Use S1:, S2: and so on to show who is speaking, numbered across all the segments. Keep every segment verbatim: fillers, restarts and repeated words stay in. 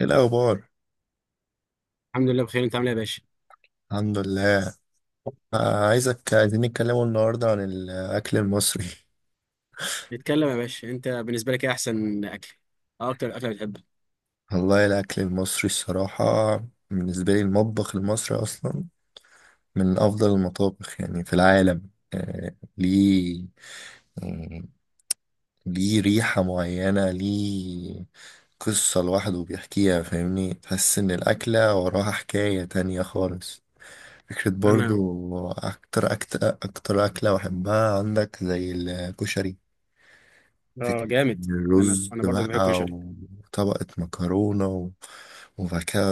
S1: ايه الاخبار؟
S2: الحمد لله بخير، انت عامل ايه يا باشا؟
S1: الحمد لله. آه، عايزك عايزين نتكلموا النهارده عن الاكل المصري.
S2: نتكلم يا باشا. انت بالنسبه لك ايه احسن اكل؟ اه اكتر اكله بتحبها؟
S1: والله الاكل المصري الصراحه. بالنسبه لي المطبخ المصري اصلا من افضل المطابخ يعني في العالم. آه، ليه، آه، ليه ريحه معينه، ليه قصه لوحده بيحكيها. فاهمني، تحس ان الاكله وراها حكايه تانية خالص. فكرة
S2: انا
S1: برضو. أكتر أكتر أكتر أكلة بحبها عندك زي الكشري؟
S2: اه
S1: فكرة.
S2: جامد. انا
S1: الرز
S2: انا برضه بحب
S1: بقى
S2: الكشري.
S1: وطبقة مكرونة و- وبعد كده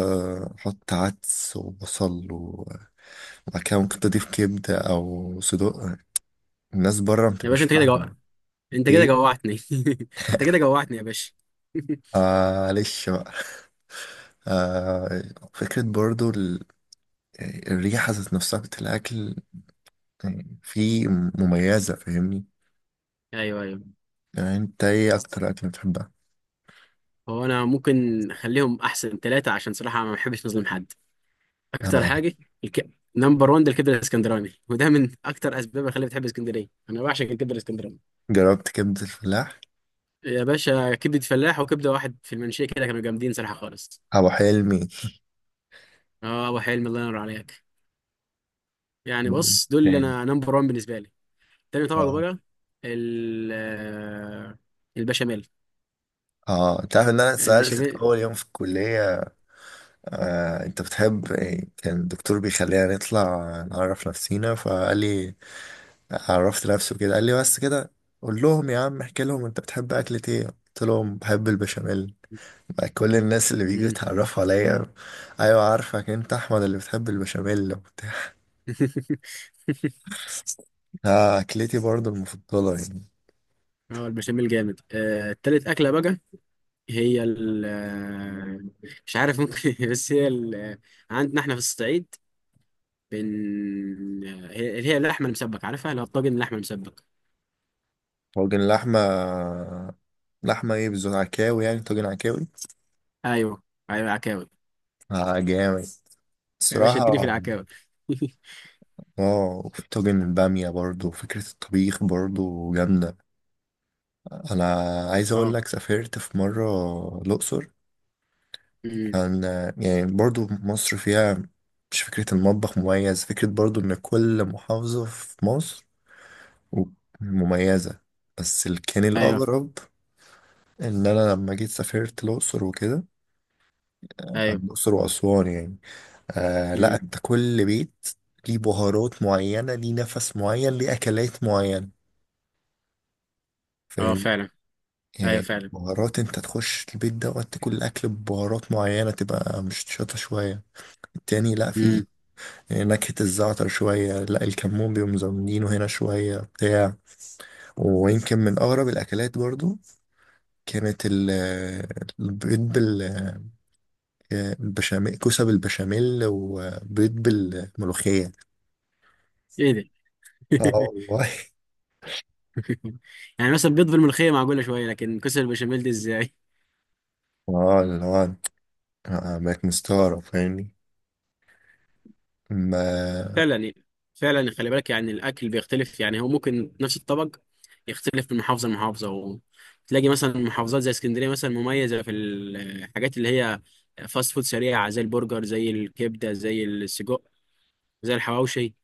S1: أحط عدس وبصل، و- وبعد كده ممكن تضيف كبدة أو صدوق. الناس بره
S2: يا
S1: متبقاش
S2: باشا انت كده جو...
S1: فاهمة.
S2: انت كده
S1: إيه؟
S2: جوعتني. انت كده جوعتني يا باشا.
S1: معلش بقى. آه. فكرة برضو ال- الريحة ذات نفسها بتاعت الأكل، يعني في مميزة. فاهمني.
S2: ايوه ايوه.
S1: يعني أنت إيه أكتر أكل بتحبها؟
S2: هو انا ممكن اخليهم احسن ثلاثه، عشان صراحه ما بحبش نظلم حد.
S1: أنا
S2: اكتر
S1: إيه؟
S2: حاجه الك... نمبر واحد ده الكبده الاسكندراني، وده من اكتر اسباب اللي خلاني بتحب اسكندريه، انا بعشق الكبده الاسكندراني.
S1: جربت كبدة الفلاح؟
S2: يا باشا كبده فلاح وكبده واحد في المنشيه كده، كانوا جامدين صراحه خالص.
S1: أبو حلمي.
S2: اه ابو حلمي، الله ينور عليك. يعني بص، دول اللي
S1: تاني.
S2: انا نمبر واحد بالنسبه لي. تاني طبعا
S1: اه
S2: بقى ال آه، البشاميل.
S1: اه انت عارف ان انا اتسألت في
S2: البشاميل
S1: اول يوم في الكلية. آه، انت بتحب إيه؟ كان الدكتور بيخلينا نطلع نعرف نفسينا، فقال لي عرفت نفسه كده، قال لي بس كده قول لهم، يا عم احكي لهم انت بتحب اكلة ايه. قلت لهم بحب البشاميل. بقى كل الناس اللي بيجوا
S2: مم.
S1: يتعرفوا عليا: ايوه عارفك انت احمد اللي بتحب البشاميل وبتاع. آه، اكلتي برضو المفضلة يعني.
S2: اه البشاميل جامد. آه، التالت اكله بقى هي ال آه، مش عارف، ممكن بس هي ال آه، عندنا احنا في الصعيد بن آه، هي اللي هي اللحمه المسبك، عارفها؟ اللي هو الطاجن اللحمه المسبك.
S1: طاجن لحمة. لحمة ايه بالظبط؟ عكاوي يعني؟ طاجن عكاوي.
S2: ايوه ايوه عكاوي.
S1: اه، جامد
S2: يا باشا اديني في
S1: الصراحة.
S2: العكاوي.
S1: اه، وفي طاجن البامية برضو، فكرة الطبيخ برضو جامدة. أنا عايز أقول
S2: اه.
S1: لك، سافرت في مرة الأقصر.
S2: مم.
S1: كان يعني برضو مصر فيها، مش فكرة المطبخ مميز، فكرة برضو إن كل محافظة في مصر مميزة. بس اللي كان
S2: ايوه
S1: الأغرب إن أنا لما جيت سافرت الأقصر وكده،
S2: ايوه.
S1: الأقصر وأسوان يعني. آه
S2: مم.
S1: لأ، أنت كل بيت ليه بهارات معينة، ليه نفس معين، ليه أكلات معينة.
S2: اه
S1: فاهم.
S2: فعلا. ايوه
S1: يعني
S2: فعلا.
S1: بهارات، انت تخش البيت دوت تاكل الاكل ببهارات معينه، تبقى مش شاطه شويه. التاني لا، في
S2: مم.
S1: نكهه الزعتر شويه، لا الكمون بيقوم مزودينه هنا شويه بتاع. ويمكن من اغرب الاكلات برضو كانت ال- البيض بال بالبشاميل، كوسه بالبشاميل وبيض بالملوخيه.
S2: ايه ده؟
S1: اه، والله.
S2: يعني مثلا بيض بالملوخيه معقوله شويه، لكن كسر البشاميل دي ازاي؟
S1: اه، اللي هو آه، بقيت مستغرب فاهمني ما.
S2: فعلا يعني- فعلا خلي بالك، يعني الاكل بيختلف، يعني هو ممكن نفس الطبق يختلف من محافظه لمحافظه. وتلاقي مثلا محافظات زي اسكندريه مثلا مميزه في الحاجات اللي هي فاست فود سريعه، زي البرجر زي الكبده زي السجق زي الحواوشي.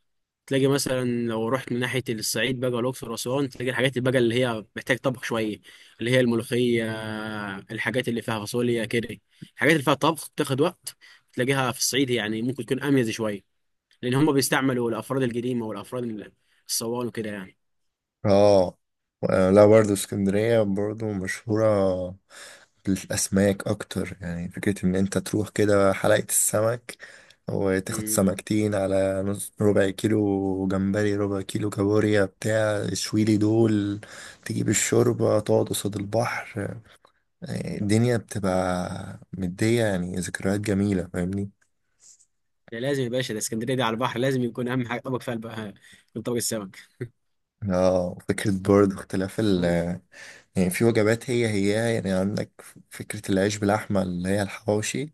S2: تلاقي مثلا لو رحت من ناحية الصعيد بقى والأقصر وأسوان، تلاقي الحاجات اللي بقى اللي هي محتاج طبخ شوية، اللي هي الملوخية، الحاجات اللي فيها فاصوليا كده، الحاجات اللي فيها طبخ بتاخد وقت. تلاقيها في الصعيد، يعني ممكن تكون أميز شوية، لأن هم بيستعملوا الأفراد القديمة والأفراد الصوان وكده يعني.
S1: اه، لا برضه اسكندرية برضه مشهورة. الأسماك أكتر، يعني فكرة إن أنت تروح كده حلقة السمك، وتاخد
S2: مم.
S1: سمكتين على نص، ربع كيلو جمبري، ربع كيلو كابوريا بتاع، شويلي دول. تجيب الشوربة، تقعد قصاد البحر. يعني الدنيا بتبقى مدية، يعني ذكريات جميلة فاهمني.
S2: ده لازم يا باشا، ده اسكندرية دي على البحر، لازم يكون أهم حاجة طبق فيها بقى يكون طبق السمك.
S1: اه، فكرة برضه اختلاف ال
S2: مم.
S1: يعني، في وجبات هي هي يعني. عندك فكرة العيش باللحمة اللي هي الحواوشي.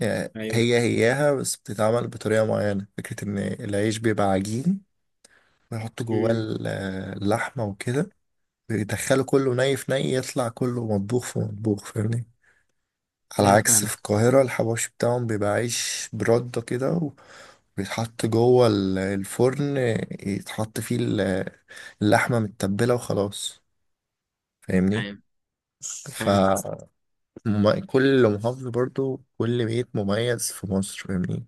S1: يعني
S2: أيوه.
S1: هي هياها بس بتتعمل بطريقة معينة. فكرة إن العيش بيبقى عجين، ويحط جواه
S2: مم.
S1: ال- اللحمة وكده، بيدخله كله ني في ني يطلع كله مطبوخ في مطبوخ. فاهمني. على
S2: أيوه
S1: عكس في
S2: فاهمك.
S1: القاهرة، الحواوشي بتاعهم بيبقى عيش برده كده، وبيتحط جوه ال- الفرن، يتحط فيه ال- اللحمة متبلة وخلاص. فاهمني.
S2: أيوه فاهمك.
S1: ف- مم- كل محافظة برضو كل بيت مميز في مصر. فاهمني.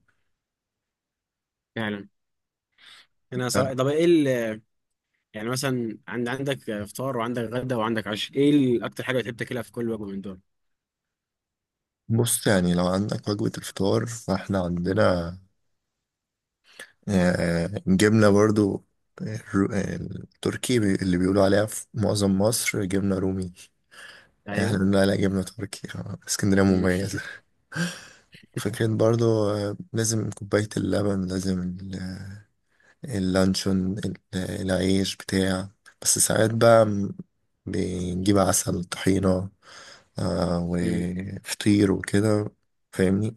S2: فعلا. أنا صراحة، طب إيه ال- يعني مثلا عند عندك فطار وعندك غدا وعندك عشاء، ايه ال- اكتر حاجه بتحب تاكلها في كل وجبه من دول؟
S1: بص، يعني لو عندك وجبة الفطار فاحنا عندنا آه، جبنة برضو، آه، الر- آه، التركي، بي- اللي بيقولوا عليها في معظم مصر جبنة رومي. آه،
S2: ايوه.
S1: احنا بنقول عليها جبنة تركي. آه، اسكندرية
S2: مم.
S1: مميزة. فكرة برضو آه، لازم كوباية اللبن، لازم ال- اللانشون، ال- العيش بتاع. بس ساعات بقى م- بنجيب عسل طحينة، آه،
S2: مم.
S1: وفطير وكده. فاهمني،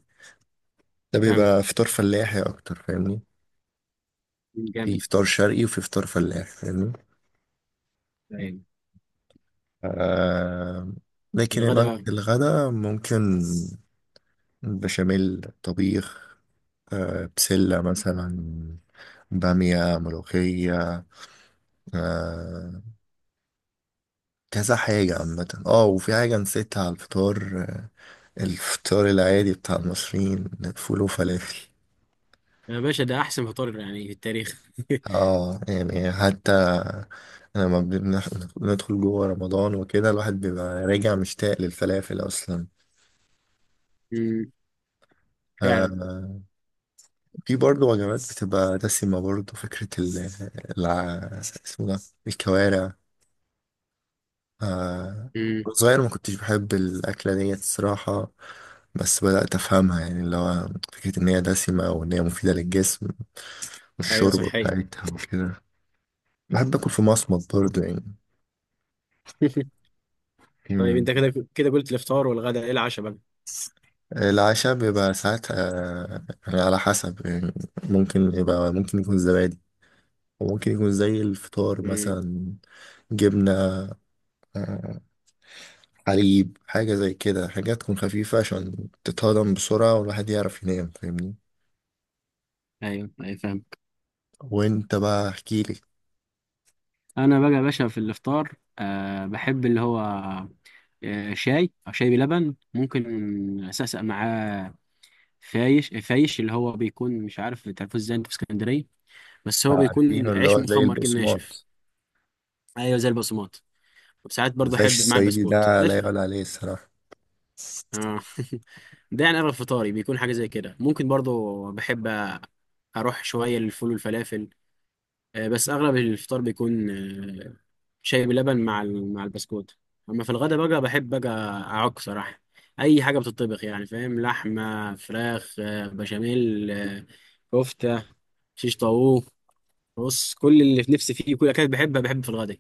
S1: ده
S2: فاهمك.
S1: بيبقى فطار فلاحي أكتر. فاهمني،
S2: مم.
S1: في
S2: جامد.
S1: فطار شرقي وفي فطار فلاح. فاهمني.
S2: ايوه.
S1: آه. لكن
S2: الغدا
S1: الوجبة
S2: بقى.
S1: الغداء ممكن بشاميل، طبيخ، آه بسلة مثلا، بامية، ملوخية، آه كذا حاجة عامة. اه، وفي حاجة نسيتها على الفطار، آه، الفطار العادي بتاع المصريين، فول وفلافل.
S2: يا باشا ده احسن فطار يعني في التاريخ.
S1: اه، يعني حتى لما بنح- بندخل جوه رمضان وكده الواحد بيبقى راجع مشتاق للفلافل اصلا.
S2: مم. فعلا.
S1: آه. في برضه وجبات بتبقى دسمة برضه، فكرة ال الع- اسمه ده الكوارع. آه،
S2: مم.
S1: وأنا صغير ما كنتش بحب الأكلة ديت الصراحة. بس بدأت أفهمها، يعني اللي هو فكرة إن هي دسمة وإن هي مفيدة للجسم
S2: ايوه
S1: والشوربة
S2: صحيا.
S1: بتاعتها وكده. بحب آكل في مصمت برضه يعني.
S2: طيب
S1: مم.
S2: انت كده كده قلت الافطار والغدا، ايه العشاء بقى؟
S1: العشاء بيبقى ساعات آه، يعني على حسب، يعني ممكن يبقى، ممكن يكون زبادي، وممكن يكون زي الفطار
S2: مم.
S1: مثلا جبنة، آه، حليب، حاجة زي كده، حاجات تكون خفيفة عشان تتهضم بسرعة والواحد يعرف ينام. فاهمني.
S2: ايوه ايوه فاهم.
S1: وانت بقى احكيلي.
S2: انا بقى يا باشا في الافطار أه بحب اللي هو آه، شاي او شاي بلبن، ممكن اسقسق معاه فايش فايش اللي هو بيكون، مش عارف تعرفوه ازاي انت في اسكندريه، بس هو
S1: عارفينه،
S2: بيكون
S1: اللي
S2: عيش
S1: هو زي
S2: مخمر كده ناشف.
S1: البقسماط.
S2: ايوه زي البقسماط. وساعات برضه
S1: العيش
S2: احب مع
S1: الصعيدي
S2: البسكوت
S1: ده
S2: ده
S1: لا
S2: الف...
S1: يعلى عليه الصراحة. بس
S2: آه. ده يعني اغلب فطاري بيكون حاجه زي كده. ممكن برضه بحب اروح شويه للفول والفلافل، آه، بس اغلب الفطار بيكون آه، شاي بلبن مع ال- مع البسكوت. اما في الغدا بقى بحب بقى اعك صراحه اي حاجه بتطبخ، يعني فاهم، لحمه، فراخ، آه، بشاميل، آه، كفته، شيش طاووق. بص كل اللي في نفسي فيه كل اكلات بحبها بحب في الغداء.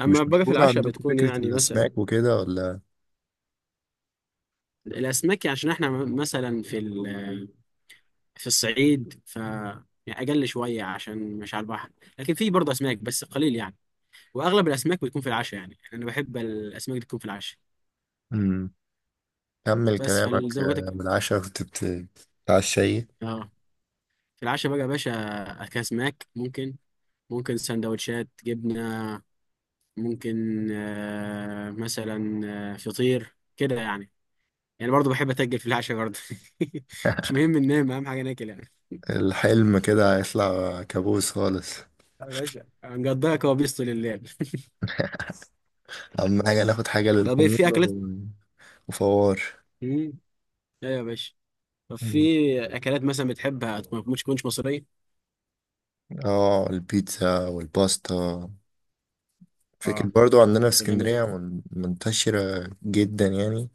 S2: اما
S1: مش
S2: باجي في
S1: مشهورة
S2: العشاء
S1: عندكم
S2: بتكون
S1: فكرة
S2: يعني مثلا
S1: الأسماك وكده ولا؟
S2: الاسماك. يعني عشان احنا م- مثلا في ال- في الصعيد ف يعني اقل شويه عشان مش على البحر. لكن في برضه اسماك بس قليل يعني، واغلب الاسماك بتكون في العشاء. يعني يعني انا بحب الاسماك اللي تكون في العشاء.
S1: مم. كمل
S2: بس
S1: كلامك.
S2: فزي ما قلت
S1: آه،
S2: لك،
S1: من العشاء كنت بت- بتتعشى ايه؟
S2: اه في العشاء بقى يا باشا اكل اسماك، ممكن ممكن سندوتشات جبنه، ممكن آه مثلا آه، فطير كده يعني. يعني برضه بحب اتاجل في العشاء برضه. مش مهم ننام، اهم حاجه ناكل يعني.
S1: الحلم كده هيطلع كابوس خالص.
S2: يا باشا هنقضيها كوابيس طول الليل.
S1: أهم حاجة ناخد حاجة
S2: طب إيه، في
S1: للحموضة
S2: اكلات؟
S1: و- وفوار.
S2: امم ايوه يا باشا. طب في
S1: مم.
S2: اكلات مثلا بتحبها ما تكونش مصريه؟
S1: اه، البيتزا والباستا. فكرة
S2: اه
S1: برضو عندنا في
S2: ده جامد ده.
S1: اسكندرية من- منتشرة جدا يعني.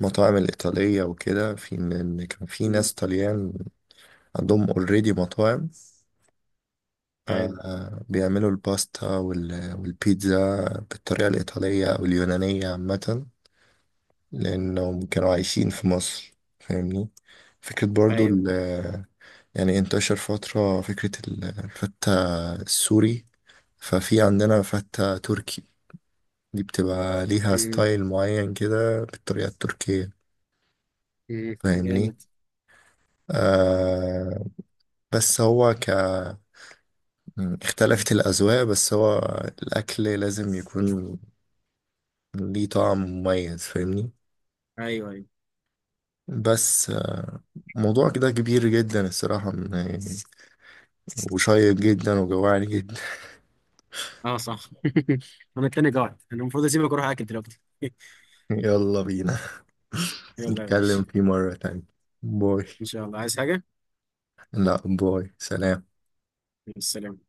S1: المطاعم الإيطالية وكده، في إن كان في
S2: مم.
S1: ناس طليان عندهم اوريدي مطاعم، آه،
S2: ايوه
S1: آه، بيعملوا الباستا وال- والبيتزا بالطريقة الإيطالية أو اليونانية عامة لأنهم كانوا عايشين في مصر. فاهمني. فكرة برضو
S2: ايوه.
S1: ال- يعني، انتشر فترة فكرة ال- الفتة السوري. ففي عندنا فتة تركي، دي بتبقى ليها
S2: مم.
S1: ستايل معين كده بالطريقة التركية.
S2: مم.
S1: فاهمني.
S2: جامد. اه.
S1: آه. بس هو ك م، اختلفت الأذواق. بس هو الأكل لازم يكون ليه طعم مميز. فاهمني.
S2: ايوه ايوه.
S1: بس آه، موضوع كده كبير جدا الصراحة، م، يعني، وشيق جدا وجوعني جدا.
S2: اه صح. انا التاني قاعد، انا المفروض اسيبك واروح اكل دلوقتي.
S1: يلا بينا.
S2: يلا يا
S1: نتكلم
S2: باشا،
S1: فيه مرة تانية. باي.
S2: ان شاء الله. عايز حاجه؟
S1: لا، باي، سلام.
S2: السلام.